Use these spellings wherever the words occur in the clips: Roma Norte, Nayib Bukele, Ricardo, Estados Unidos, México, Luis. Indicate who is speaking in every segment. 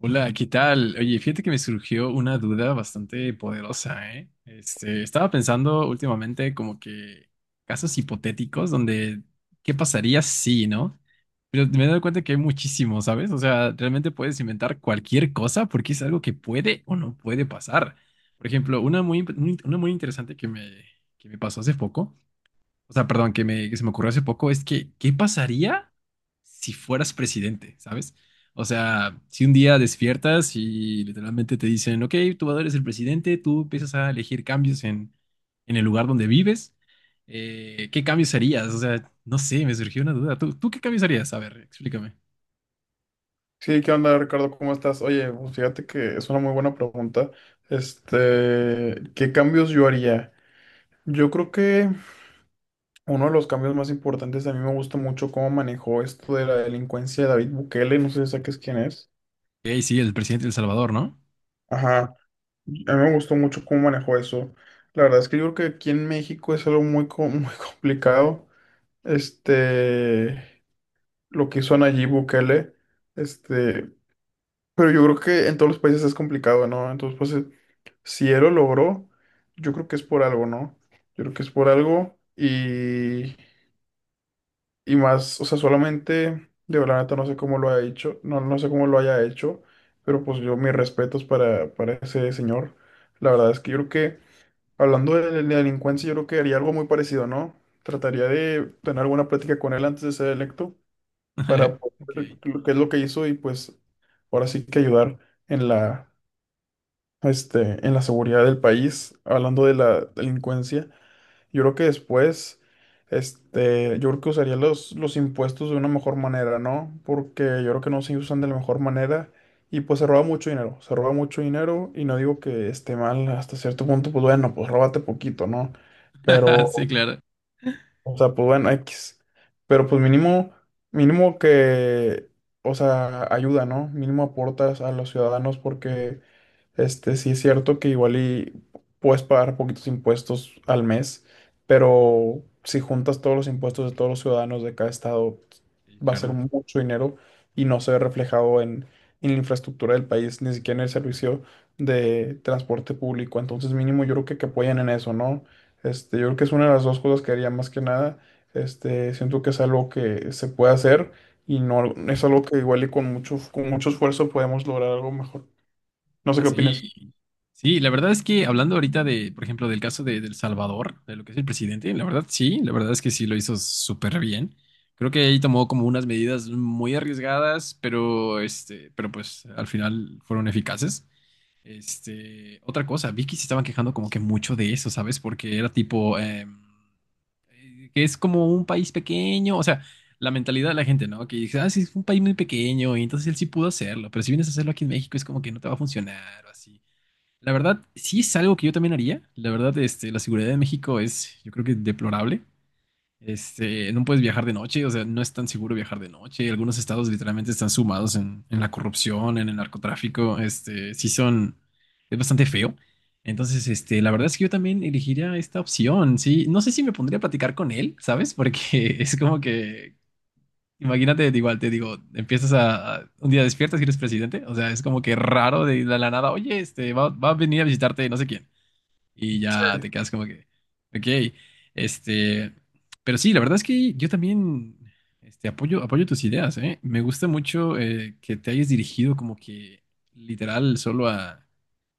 Speaker 1: Hola, ¿qué tal? Oye, fíjate que me surgió una duda bastante poderosa, ¿eh? Estaba pensando últimamente como que casos hipotéticos donde, ¿qué pasaría si, no? Pero me he dado cuenta que hay muchísimos, ¿sabes? O sea, realmente puedes inventar cualquier cosa porque es algo que puede o no puede pasar. Por ejemplo, una muy interesante que me pasó hace poco o sea, perdón, que se me ocurrió hace poco, es que, ¿qué pasaría si fueras presidente, ¿sabes? O sea, si un día despiertas y literalmente te dicen, ok, tú ahora eres el presidente, tú empiezas a elegir cambios en el lugar donde vives, ¿qué cambios harías? O sea, no sé, me surgió una duda. ¿Tú qué cambios harías? A ver, explícame.
Speaker 2: Sí, ¿qué onda, Ricardo? ¿Cómo estás? Oye, pues fíjate que es una muy buena pregunta. ¿Qué cambios yo haría? Yo creo que uno de los cambios más importantes, a mí me gusta mucho cómo manejó esto de la delincuencia de David Bukele, no sé si saques quién es.
Speaker 1: Ok, sí, el presidente de El Salvador, ¿no?
Speaker 2: Ajá, a mí me gustó mucho cómo manejó eso. La verdad es que yo creo que aquí en México es algo muy, muy complicado. Este, lo que hizo Nayib Bukele, este, pero yo creo que en todos los países es complicado, ¿no? Entonces, pues, si él lo logró, yo creo que es por algo, ¿no? Yo creo que es por algo y más, o sea, solamente, de verdad, neta, no sé cómo lo haya hecho, no, no sé cómo lo haya hecho, pero pues yo mis respetos para ese señor. La verdad es que yo creo que, hablando de delincuencia, yo creo que haría algo muy parecido, ¿no? Trataría de tener alguna plática con él antes de ser electo para
Speaker 1: Ok.
Speaker 2: poder ver lo que es lo que hizo y pues ahora sí que ayudar en la en la seguridad del país, hablando de la delincuencia, yo creo que después, yo creo que usaría los impuestos de una mejor manera, ¿no? Porque yo creo que no se usan de la mejor manera y pues se roba mucho dinero, se roba mucho dinero y no digo que esté mal hasta cierto punto, pues bueno, pues róbate poquito, ¿no?
Speaker 1: Sí,
Speaker 2: Pero
Speaker 1: claro.
Speaker 2: o sea, pues bueno, X. Pero pues mínimo, mínimo que, o sea, ayuda, ¿no? Mínimo aportas a los ciudadanos porque, sí es cierto que igual y puedes pagar poquitos impuestos al mes, pero si juntas todos los impuestos de todos los ciudadanos de cada estado,
Speaker 1: Sí,
Speaker 2: va a ser
Speaker 1: claro.
Speaker 2: mucho dinero y no se ve reflejado en la infraestructura del país, ni siquiera en el servicio de transporte público. Entonces mínimo yo creo que apoyen en eso, ¿no? Yo creo que es una de las dos cosas que haría más que nada. Siento que es algo que se puede hacer y no algo- es algo que igual y con mucho esfuerzo podemos lograr algo mejor. No sé qué
Speaker 1: Sí,
Speaker 2: opinas.
Speaker 1: sí, la verdad es que hablando ahorita de, por ejemplo, del caso de El Salvador, de lo que es el presidente, la verdad sí, la verdad es que sí lo hizo súper bien. Creo que ahí tomó como unas medidas muy arriesgadas, pero pues al final fueron eficaces. Otra cosa, vi que se estaban quejando como que mucho de eso, ¿sabes? Porque era tipo, que es como un país pequeño, o sea, la mentalidad de la gente, ¿no? Que dice, ah, sí, es un país muy pequeño, y entonces él sí pudo hacerlo, pero si vienes a hacerlo aquí en México es como que no te va a funcionar o así. La verdad, sí es algo que yo también haría. La verdad, la seguridad de México es, yo creo que deplorable. No puedes viajar de noche, o sea, no es tan seguro viajar de noche. Algunos estados literalmente están sumados en la corrupción, en el narcotráfico. Sí son, es bastante feo. Entonces, la verdad es que yo también elegiría esta opción. Sí, no sé si me pondría a platicar con él, ¿sabes? Porque es como que Imagínate, igual te digo, un día despiertas y eres presidente, o sea, es como que raro de la nada, oye, va a venir a visitarte no sé quién, y ya
Speaker 2: Sí.
Speaker 1: te quedas como que, ok, este, pero sí, la verdad es que yo también, apoyo tus ideas, ¿eh? Me gusta mucho que te hayas dirigido como que literal solo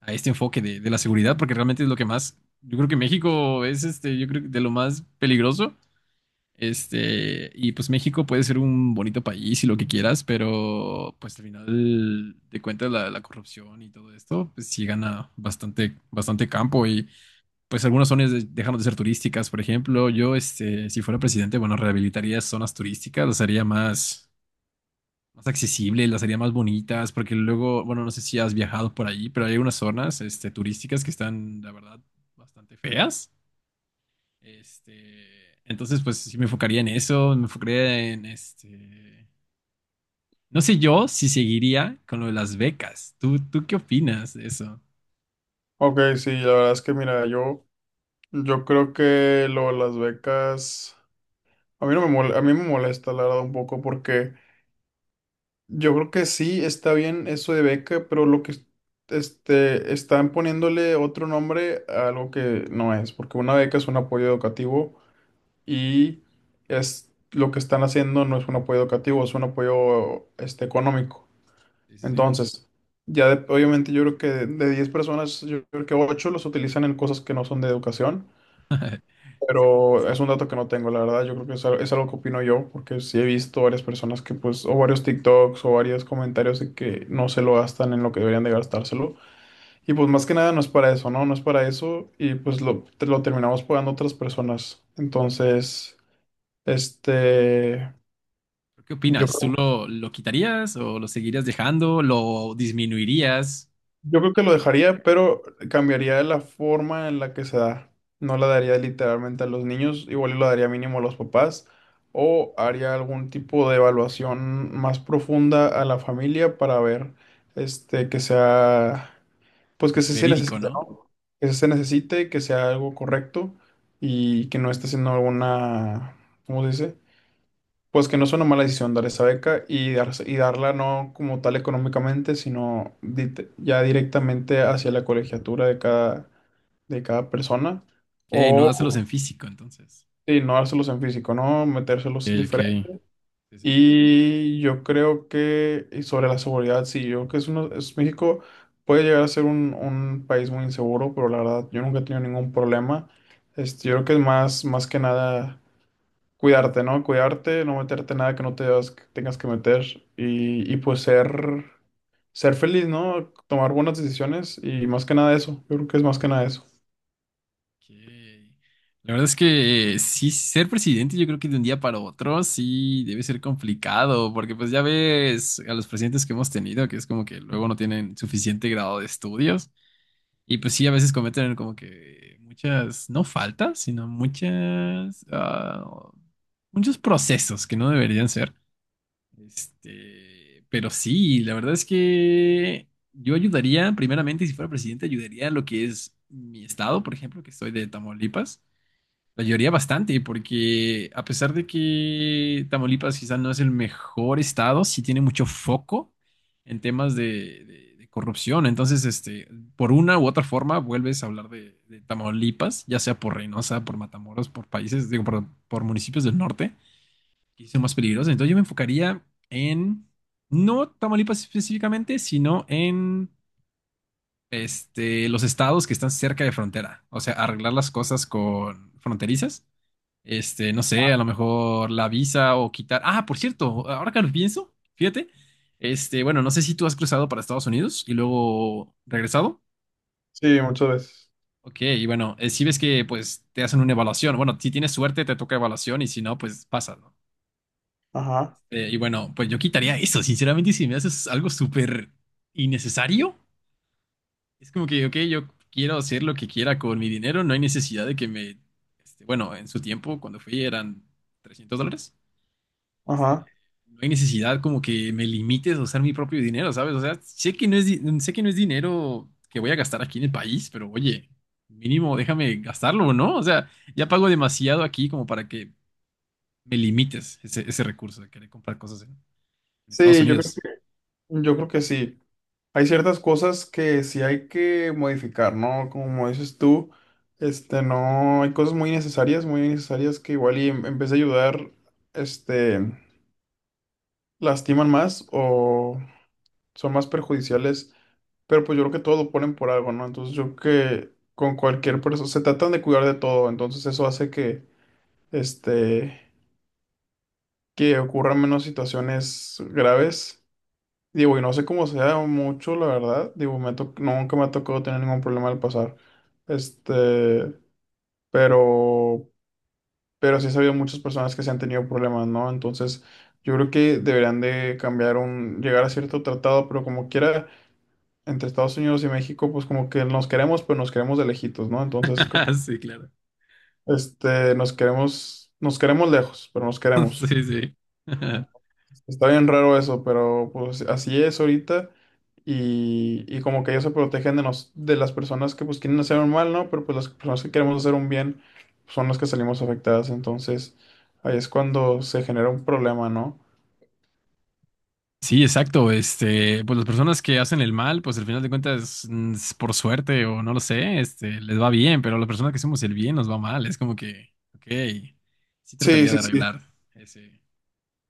Speaker 1: a este enfoque de la seguridad, porque realmente es lo que más, yo creo que México es, yo creo que de lo más peligroso. Y pues México puede ser un bonito país y lo que quieras, pero pues al final de cuentas la corrupción y todo esto, pues sí gana bastante, bastante campo y pues algunas dejaron de ser turísticas, por ejemplo, yo si fuera presidente, bueno, rehabilitaría zonas turísticas, las haría más, más accesibles, las haría más bonitas, porque luego, bueno, no sé si has viajado por ahí, pero hay unas zonas turísticas que están, la verdad, bastante feas. Este, entonces, pues sí me enfocaría en eso, me enfocaría en este. No sé yo si seguiría con lo de las becas. ¿Tú qué opinas de eso?
Speaker 2: Ok, sí, la verdad es que mira, yo creo que lo de las becas, a mí no me mol- a mí me molesta la verdad un poco porque yo creo que sí está bien eso de beca, pero lo que están poniéndole otro nombre a algo que no es, porque una beca es un apoyo educativo y es lo que están haciendo no es un apoyo educativo, es un apoyo económico.
Speaker 1: Sí, sí, sí.
Speaker 2: Entonces, obviamente yo creo que de, 10 personas, yo creo que 8 los utilizan en cosas que no son de educación,
Speaker 1: Sí.
Speaker 2: pero es un dato que no tengo, la verdad, yo creo que es algo que opino yo, porque sí he visto varias personas que pues, o varios TikToks o varios comentarios de que no se lo gastan en lo que deberían de gastárselo. Y pues más que nada no es para eso, ¿no? No es para eso y pues lo terminamos pagando otras personas. Entonces... Este,
Speaker 1: ¿Pero ¿Qué
Speaker 2: yo,
Speaker 1: opinas? ¿Tú lo, lo quitarías o lo seguirías dejando? ¿Lo disminuirías?
Speaker 2: yo creo que lo dejaría, pero cambiaría la forma en la que se da. No la daría literalmente a los niños, igual y lo daría mínimo a los papás, o haría algún tipo de evaluación más profunda a la familia para ver, que sea, pues que se
Speaker 1: Verídico,
Speaker 2: necesite,
Speaker 1: ¿no?
Speaker 2: ¿no? Que se necesite, que sea algo correcto y que no esté haciendo alguna, ¿cómo se dice? Pues que no es una mala decisión dar esa beca y, y darla no como tal económicamente, sino ya directamente hacia la colegiatura de cada persona.
Speaker 1: Que no dáselos
Speaker 2: O
Speaker 1: en físico, entonces.
Speaker 2: y no dárselos en físico, ¿no? Metérselos
Speaker 1: Ok, ok.
Speaker 2: diferente.
Speaker 1: Sí, sí.
Speaker 2: Y yo creo que, y sobre la seguridad, sí, yo creo que es, México puede llegar a ser un país muy inseguro, pero la verdad, yo nunca he tenido ningún problema. Yo creo que es más, más que nada cuidarte, ¿no? Cuidarte, no meterte en nada que no te das- que tengas que meter y, pues ser, ser feliz, ¿no? Tomar buenas decisiones y más que nada eso. Yo creo que es más que nada eso.
Speaker 1: Ok. La verdad es que sí, ser presidente yo creo que de un día para otro sí debe ser complicado, porque pues ya ves a los presidentes que hemos tenido, que es como que luego no tienen suficiente grado de estudios y pues sí, a veces cometen como que muchas, no faltas, sino muchas, muchos procesos que no deberían ser. Pero sí, la verdad es que yo ayudaría, primeramente, si fuera presidente, ayudaría a lo que es mi estado, por ejemplo, que soy de Tamaulipas. La mayoría bastante, porque a pesar de que Tamaulipas quizá no es el mejor estado, sí tiene mucho foco en temas de, de corrupción. Entonces, por una u otra forma, vuelves a hablar de Tamaulipas, ya sea por Reynosa, por Matamoros, por países, digo, por municipios del norte, que son más peligrosos. Entonces, yo me enfocaría en, no Tamaulipas específicamente, sino en los estados que están cerca de frontera. O sea, arreglar las cosas con fronterizas no sé, a lo mejor la visa o quitar. Ah, por cierto, ahora que lo pienso, fíjate. Bueno, no sé si tú has cruzado para Estados Unidos y luego regresado.
Speaker 2: Sí, muchas veces.
Speaker 1: Ok, y bueno, si ves que pues te hacen una evaluación. Bueno, si tienes suerte te toca evaluación y si no, pues pasa, ¿no?
Speaker 2: Ajá,
Speaker 1: Y bueno, pues yo quitaría eso. Sinceramente, si me haces algo súper innecesario, es como que, ok, yo quiero hacer lo que quiera con mi dinero, no hay necesidad de que me... bueno, en su tiempo, cuando fui, eran $300.
Speaker 2: ajá.
Speaker 1: este, no hay necesidad como que me limites a usar mi propio dinero, ¿sabes? O sea, sé que no es, sé que no es dinero que voy a gastar aquí en el país, pero oye, mínimo déjame gastarlo, ¿no? O sea, ya pago demasiado aquí como para que me limites ese, ese recurso de querer comprar cosas en Estados
Speaker 2: Sí,
Speaker 1: Unidos.
Speaker 2: yo creo que sí. Hay ciertas cosas que sí hay que modificar, ¿no? Como dices tú, no, hay cosas muy necesarias que igual y en vez de ayudar, este, lastiman más o son más perjudiciales, pero pues yo creo que todo lo ponen por algo, ¿no? Entonces yo creo que con cualquier persona, se tratan de cuidar de todo, entonces eso hace que, este, que ocurran menos situaciones graves. Digo, y no sé cómo sea mucho, la verdad, digo, nunca me ha tocado tener ningún problema al pasar, este, pero, pero sí he sabido muchas personas que se han tenido problemas, ¿no? Entonces yo creo que deberían de cambiar un, llegar a cierto tratado, pero como quiera entre Estados Unidos y México, pues como que nos queremos, pero nos queremos de lejitos, ¿no? Entonces, como,
Speaker 1: Sí, claro.
Speaker 2: nos queremos lejos, pero nos queremos.
Speaker 1: Sí, sí.
Speaker 2: Está bien raro eso, pero pues así es ahorita. Y como que ellos se protegen de las personas que pues quieren hacer un mal, ¿no? Pero pues las personas que queremos hacer un bien pues, son las que salimos afectadas. Entonces, ahí es cuando se genera un problema, ¿no?
Speaker 1: Sí, exacto. Pues las personas que hacen el mal, pues al final de cuentas, mm, es por suerte o no lo sé, les va bien, pero a las personas que hacemos el bien nos va mal. Es como que, ok, sí
Speaker 2: Sí,
Speaker 1: trataría
Speaker 2: sí,
Speaker 1: de
Speaker 2: sí.
Speaker 1: arreglar ese,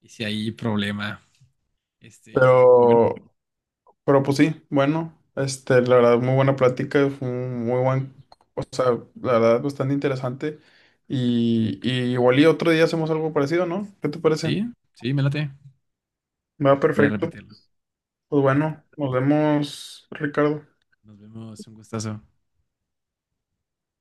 Speaker 1: ese ahí problema. Este, bueno,
Speaker 2: Pero, pero pues sí, bueno, la verdad, muy buena plática, fue un muy buen... O sea, la verdad, bastante interesante. Y igual y otro día hacemos algo parecido, ¿no? ¿Qué te parece?
Speaker 1: sí, sí, me late. Me
Speaker 2: Va
Speaker 1: late volver a
Speaker 2: perfecto.
Speaker 1: repetirlo.
Speaker 2: Pues bueno, nos vemos, Ricardo.
Speaker 1: Nos vemos, un gustazo.